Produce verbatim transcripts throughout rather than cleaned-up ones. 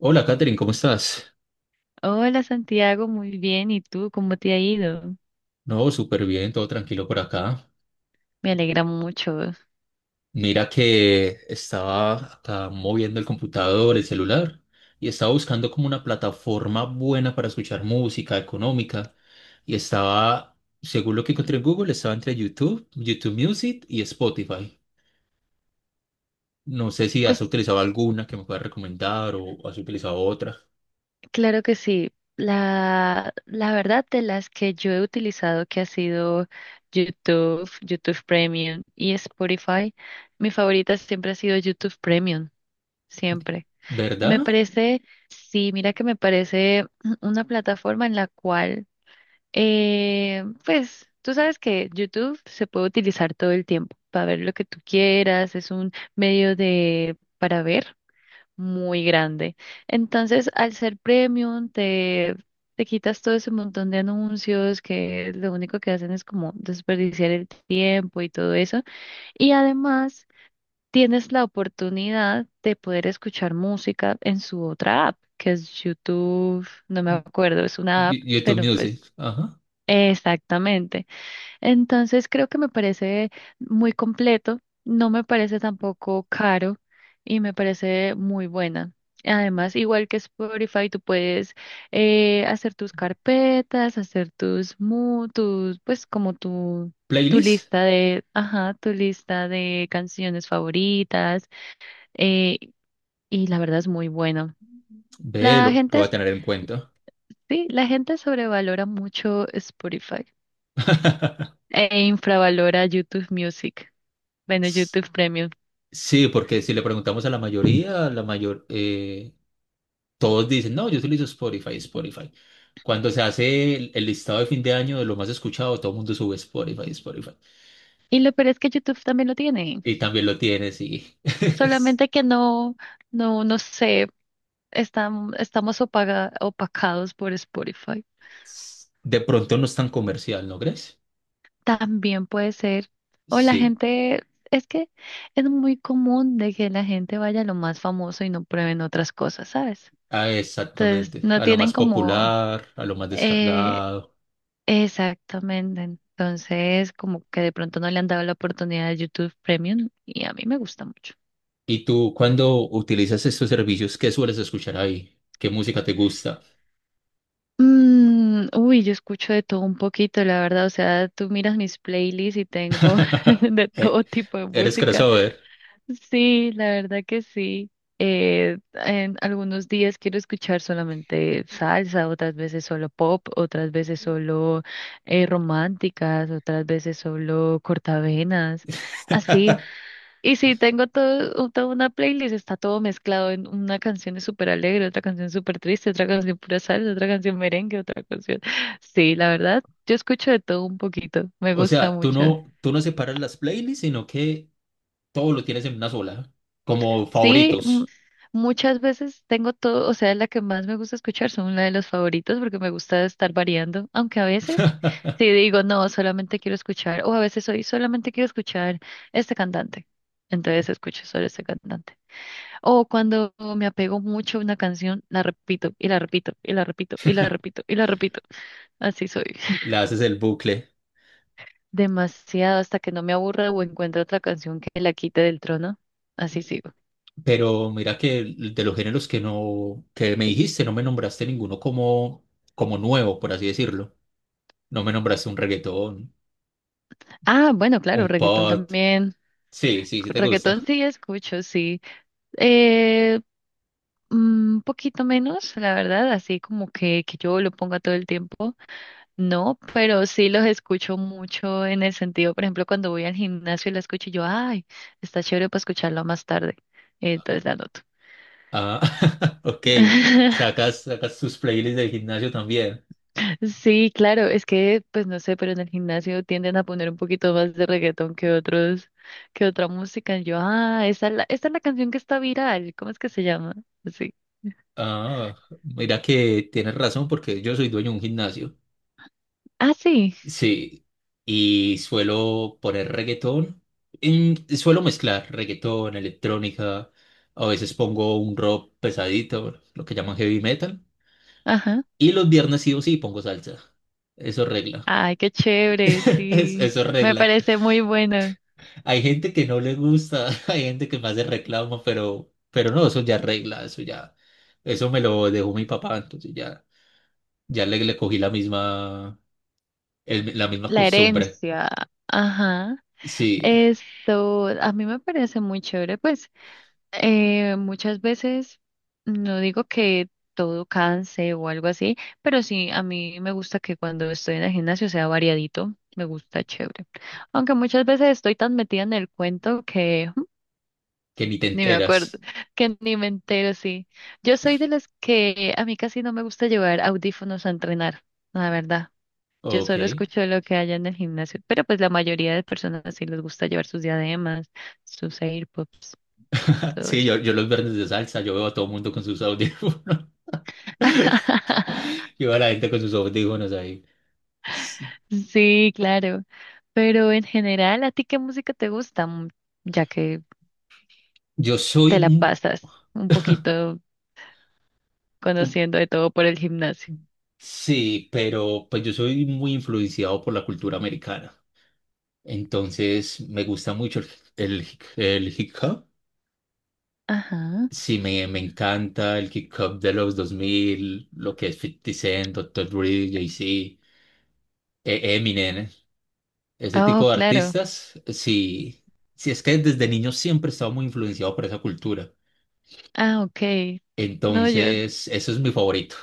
Hola, Katherine, ¿cómo estás? Hola Santiago, muy bien. ¿Y tú cómo te ha ido? No, súper bien, todo tranquilo por acá. Me alegra mucho. Mira que estaba acá moviendo el computador, el celular, y estaba buscando como una plataforma buena para escuchar música económica. Y estaba, según lo que encontré en Google, estaba entre YouTube, YouTube Music y Spotify. No sé si has Pues utilizado alguna que me puedas recomendar o has utilizado otra, claro que sí. La, la verdad de las que yo he utilizado, que ha sido YouTube, YouTube Premium y Spotify, mi favorita siempre ha sido YouTube Premium, siempre. Me ¿verdad? parece, sí, mira que me parece una plataforma en la cual Eh, pues tú sabes que YouTube se puede utilizar todo el tiempo para ver lo que tú quieras, es un medio de para ver muy grande. Entonces, al ser premium, te, te quitas todo ese montón de anuncios que lo único que hacen es como desperdiciar el tiempo y todo eso. Y además, tienes la oportunidad de poder escuchar música en su otra app, que es YouTube, no me acuerdo, es una Y- app, YouTube pero Music, pues ajá. exactamente. Entonces creo que me parece muy completo, no me parece tampoco caro y me parece muy buena. Además, igual que Spotify, tú puedes eh, hacer tus carpetas, hacer tus, mu- tus, pues como tu, tu ¿Playlist? lista de, ajá, tu lista de canciones favoritas eh, y la verdad es muy bueno. Ve, lo, La lo gente, voy a es- tener en cuenta. sí, la gente sobrevalora mucho Spotify. E infravalora YouTube Music. Bueno, YouTube Premium. Sí, porque si le preguntamos a la mayoría, la mayor, eh, todos dicen, no, yo utilizo Spotify, Spotify. Cuando se hace el, el listado de fin de año de lo más escuchado, todo el mundo sube Spotify, Spotify. Y lo peor es que YouTube también lo tiene. Y también lo tienes y es- Solamente que no, no, no sé, están, estamos opaga- opacados por Spotify. es- de pronto no es tan comercial, ¿no crees? También puede ser. O la Sí, gente, es que es muy común de que la gente vaya a lo más famoso y no prueben otras cosas, ¿sabes? ah, Entonces, exactamente. no A lo tienen más como popular, a lo más eh, descargado. exactamente. Entonces, como que de pronto no le han dado la oportunidad a YouTube Premium y a mí me gusta mucho. ¿Y tú, cuando utilizas estos servicios, qué sueles escuchar ahí? ¿Qué música te gusta? Mm, uy, yo escucho de todo un poquito, la verdad. O sea, tú miras mis playlists y tengo de Eh, todo tipo de ¿eres música. crossover? Sí, la verdad que sí. Eh, en algunos días quiero escuchar solamente salsa, otras veces solo pop, otras veces solo eh, románticas, otras veces solo cortavenas. Así. Y sí, tengo todo, toda una playlist, está todo mezclado en una canción es súper alegre, otra canción es súper triste, otra canción pura salsa, otra canción merengue, otra canción. Sí, la verdad, yo escucho de todo un poquito, me O gusta sea, tú mucho. no, tú no separas las playlists, sino que todo lo tienes en una sola, como Sí, mm, favoritos. muchas veces tengo todo, o sea, la que más me gusta escuchar son una de los favoritos porque me gusta estar variando, aunque a veces sí digo, no, solamente quiero escuchar, o a veces hoy solamente quiero escuchar este cantante. Entonces escucho solo este cantante. O cuando me apego mucho a una canción, la repito y la repito y la repito y la repito y la repito. Así soy. Le haces el bucle. Demasiado hasta que no me aburra o encuentre otra canción que la quite del trono. Así sigo. Pero mira que el- de los géneros que no, que me dijiste, no me nombraste ninguno como, como nuevo, por así decirlo. No me nombraste un reggaetón, Ah, bueno, un claro, reggaetón pop. también. Sí, sí, sí te gusta. Reggaetón sí escucho, sí. Eh, un poquito menos, la verdad, así como que, que yo lo ponga todo el tiempo. No, pero sí los escucho mucho en el sentido, por ejemplo, cuando voy al gimnasio y la escucho, y yo, ay, está chévere para escucharla más tarde. eh, Entonces la anoto. Ah, ok. Sacas, sacas tus playlists del gimnasio también. Sí, claro, es que, pues no sé, pero en el gimnasio tienden a poner un poquito más de reggaetón que otros, que otra música. Y yo, ah, esa es la, esta es la canción que está viral. ¿Cómo es que se llama? Sí. Ah, mira que tienes razón porque yo soy dueño de un gimnasio. Ah, sí. Sí, y suelo poner reggaetón. En- suelo mezclar reggaetón, electrónica, a veces pongo un rock pesadito, bueno, lo que llaman heavy metal. Ajá. Y los viernes sí o sí pongo salsa. Eso regla. Ay, qué chévere, Es- sí. Eso Me regla. parece muy buena. Hay gente que no le gusta, hay gente que me hace reclamo, pero, pero no, eso ya regla, eso ya. Eso me lo dejó mi papá, entonces ya, ya le, le cogí la misma, el- la misma La costumbre. herencia. Ajá. Sí, Esto a mí me parece muy chévere, pues eh, muchas veces no digo que todo canse o algo así, pero sí a mí me gusta que cuando estoy en el gimnasio sea variadito, me gusta chévere. Aunque muchas veces estoy tan metida en el cuento que mm, que ni te ni me acuerdo, enteras. que ni me entero, sí. Yo soy de las que a mí casi no me gusta llevar audífonos a entrenar, la verdad. Yo Ok. solo escucho lo que haya en el gimnasio, pero pues la mayoría de personas sí les gusta llevar sus diademas, sus AirPods, todo Sí, eso. yo, yo los viernes de salsa, yo veo a todo el mundo con sus audífonos. Yo veo a la gente con sus audífonos ahí. Sí. Sí, claro. Pero en general, ¿a ti qué música te gusta? Mm, Ya que Yo soy, te la mu- pasas un poquito um, conociendo de todo por el gimnasio. Sí, pero pues yo soy muy influenciado por la cultura americana. Entonces me gusta mucho el, el, el hip hop. Ajá. Sí, me, me encanta el hip hop de los dos mil, lo que es fifty Cent, doctor Dre, Jay-Z, eh, Eminem. Ese tipo Oh, de claro. artistas, sí, sí es que desde niño siempre he estado muy influenciado por esa cultura. Ah, ok. No, yo, Entonces, eso es mi favorito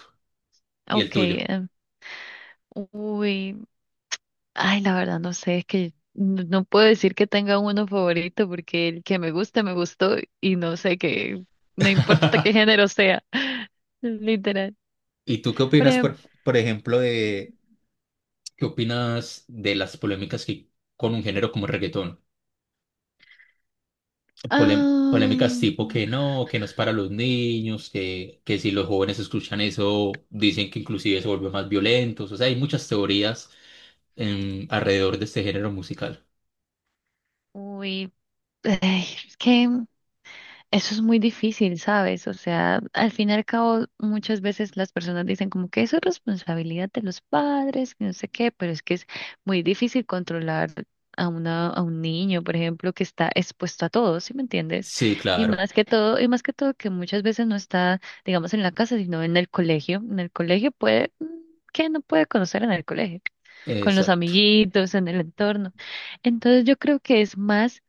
y el ok. tuyo. eh, Uy. Ay, la verdad no sé, es que no no puedo decir que tenga uno favorito porque el que me gusta, me gustó y no sé qué, no importa qué género sea, literal. ¿Y tú qué Por opinas, ejemplo, por, por ejemplo, de qué opinas de las polémicas que con un género como el reggaetón? Polem- polémicas ah, tipo que no, que no es para los niños, que, que si los jóvenes escuchan eso, dicen que inclusive se vuelven más violentos. O sea, hay muchas teorías em, alrededor de este género musical. uy, ay, es que eso es muy difícil, ¿sabes? O sea, al fin y al cabo, muchas veces las personas dicen como que eso es responsabilidad de los padres, que no sé qué, pero es que es muy difícil controlar a una, a un niño, por ejemplo, que está expuesto a todo, ¿sí me entiendes? Sí, Y claro, más que todo, y más que todo que muchas veces no está, digamos, en la casa, sino en el colegio. En el colegio puede, ¿qué no puede conocer en el colegio? Con los exacto. amiguitos, en el entorno. Entonces yo creo que es más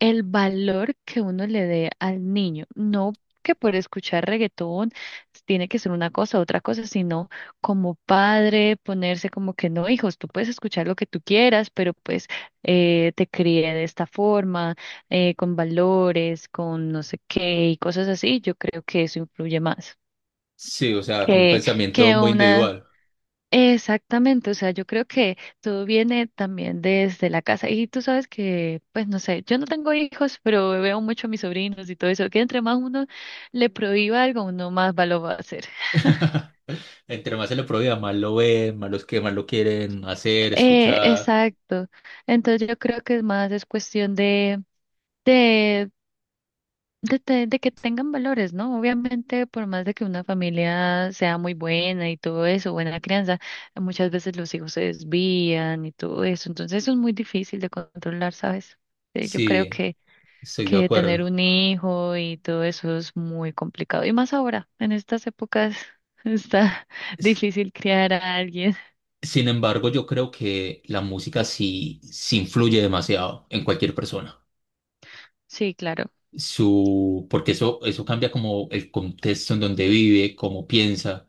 el valor que uno le dé al niño, no que por escuchar reggaetón tiene que ser una cosa, otra cosa, sino como padre ponerse como que no, hijos, tú puedes escuchar lo que tú quieras, pero pues eh, te crié de esta forma, eh, con valores, con no sé qué y cosas así, yo creo que eso influye más Sí, o sea, como un que, pensamiento que muy una... individual. Exactamente, o sea, yo creo que todo viene también desde la casa. Y tú sabes que, pues no sé, yo no tengo hijos, pero veo mucho a mis sobrinos y todo eso, que entre más uno le prohíba algo, uno más va lo va a hacer. Entre más se lo prohíba, más lo ven, más los que más lo quieren hacer, Eh, escuchar. Exacto. Entonces yo creo que es más es cuestión de, de de, te- de que tengan valores, ¿no? Obviamente, por más de que una familia sea muy buena y todo eso, buena crianza, muchas veces los hijos se desvían y todo eso. Entonces, eso es muy difícil de controlar, ¿sabes? Eh, Yo creo Sí, que, estoy de que tener acuerdo. un hijo y todo eso es muy complicado. Y más ahora, en estas épocas, está S- difícil criar a alguien. Sin embargo, yo creo que la música sí, sí influye demasiado en cualquier persona. Sí, claro. Su, porque eso, eso cambia como el contexto en donde vive, cómo piensa.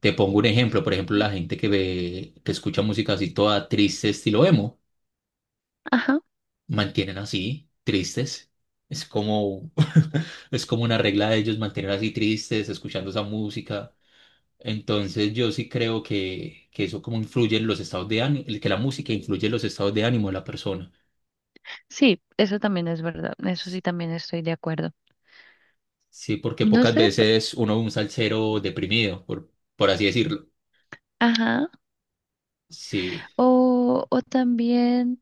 Te pongo un ejemplo, por ejemplo, la gente que ve, que escucha música así toda triste, estilo emo. Ajá. Mantienen así, tristes. Es como, es como una regla de ellos mantener así tristes, escuchando esa música. Entonces yo sí creo que, que eso como influye en los estados de ánimo, que la música influye en los estados de ánimo de la persona. Sí, eso también es verdad. Eso sí, también estoy de acuerdo. Sí, porque No pocas sé, p- veces uno ve un salsero deprimido, por, por así decirlo. ajá. Sí, O, o también.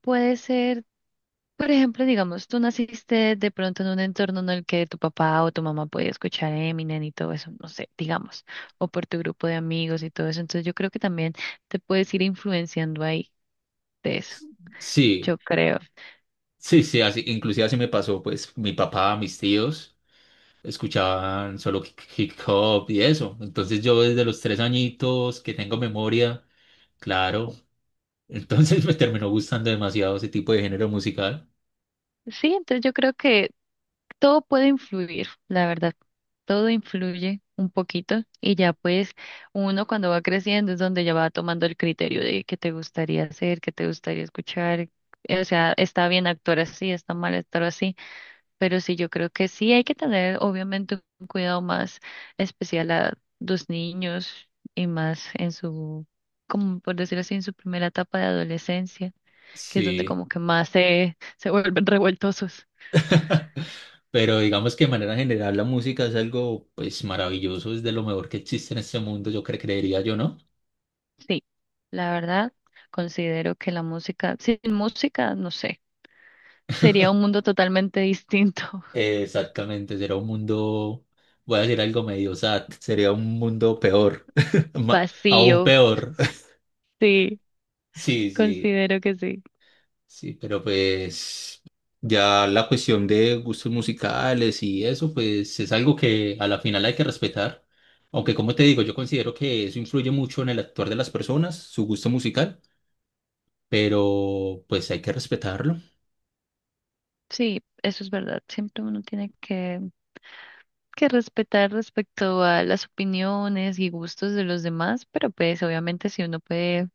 Puede ser, por ejemplo, digamos, tú naciste de pronto en un entorno en el que tu papá o tu mamá podía escuchar Eminem y todo eso, no sé, digamos, o por tu grupo de amigos y todo eso. Entonces yo creo que también te puedes ir influenciando ahí de eso, sí, yo creo. sí, sí, así, inclusive así me pasó, pues, mi papá, mis tíos. Escuchaban solo hi- hip hop y eso. Entonces yo desde los tres añitos que tengo memoria, claro, entonces me terminó gustando demasiado ese tipo de género musical. Sí, entonces yo creo que todo puede influir, la verdad. Todo influye un poquito y ya pues uno cuando va creciendo es donde ya va tomando el criterio de qué te gustaría hacer, qué te gustaría escuchar. eh, O sea, está bien actuar así, está mal actuar así. Pero sí, yo creo que sí hay que tener, obviamente, un cuidado más especial a los niños y más en su, como por decirlo así, en su primera etapa de adolescencia, que es donde Sí. como que más se, se vuelven revueltosos. Pero digamos que de manera general la música es algo pues maravilloso, es de lo mejor que existe en este mundo, yo cre- creería yo, ¿no? Sí, la verdad, considero que la música, sin música, no sé, sería un mundo totalmente distinto, Eh, exactamente, será un mundo, voy a decir algo medio sad, sería un mundo peor, ma- aún vacío. peor. Sí, Sí, sí. considero que sí. Sí, pero pues ya la cuestión de gustos musicales y eso, pues es algo que a la final hay que respetar. Aunque como te digo, yo considero que eso influye mucho en el actuar de las personas, su gusto musical, pero pues hay que respetarlo. Sí, eso es verdad. Siempre uno tiene que que respetar respecto a las opiniones y gustos de los demás, pero pues obviamente si uno puede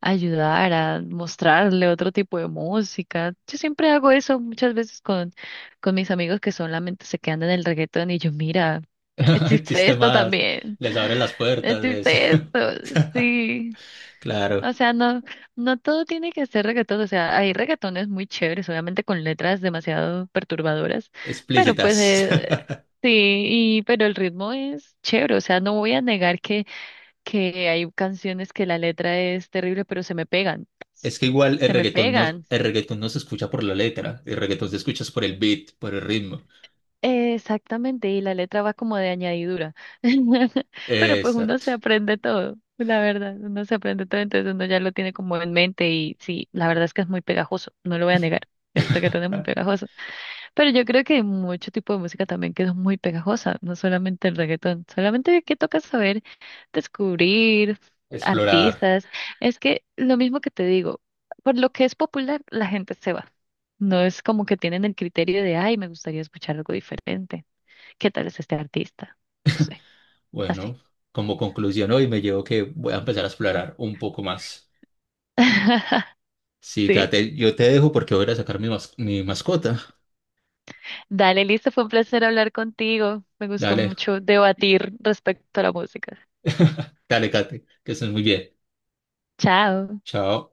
ayudar a mostrarle otro tipo de música, yo siempre hago eso muchas veces con, con mis amigos que solamente se quedan en el reggaetón y yo, mira, El existe esto sistema también, les abre las puertas, les... existe esto, sí. Claro, O sea, no, no todo tiene que ser reggaetón. O sea, hay reggaetones muy chéveres, obviamente con letras demasiado perturbadoras, pero pues explícitas. eh, sí, y, pero el ritmo es chévere. O sea, no voy a negar que, que hay canciones que la letra es terrible, pero se me pegan. Es que igual el Se me reggaetón no, pegan. el reggaetón no se escucha por la letra, el reggaetón se escucha es por el beat, por el ritmo. Exactamente, y la letra va como de añadidura. Pero pues uno se Exacto, aprende todo, la verdad, uno se aprende todo, entonces uno ya lo tiene como en mente y sí, la verdad es que es muy pegajoso, no lo voy a negar, el reggaetón es muy pegajoso. Pero yo creo que hay mucho tipo de música también que es muy pegajosa, no solamente el reggaetón, solamente que toca saber descubrir explorar. artistas. Es que lo mismo que te digo, por lo que es popular, la gente se va. No es como que tienen el criterio de, ay, me gustaría escuchar algo diferente. ¿Qué tal es este artista? No sé, así. Bueno, como conclusión hoy me llevo que voy a empezar a explorar un poco más. Sí, Sí. Kate, yo te dejo porque voy a ir a sacar mi, mas- mi mascota. Dale, listo, fue un placer hablar contigo. Me gustó Dale, mucho debatir respecto a la música. dale, Kate, que estés muy bien. Chao. Chao.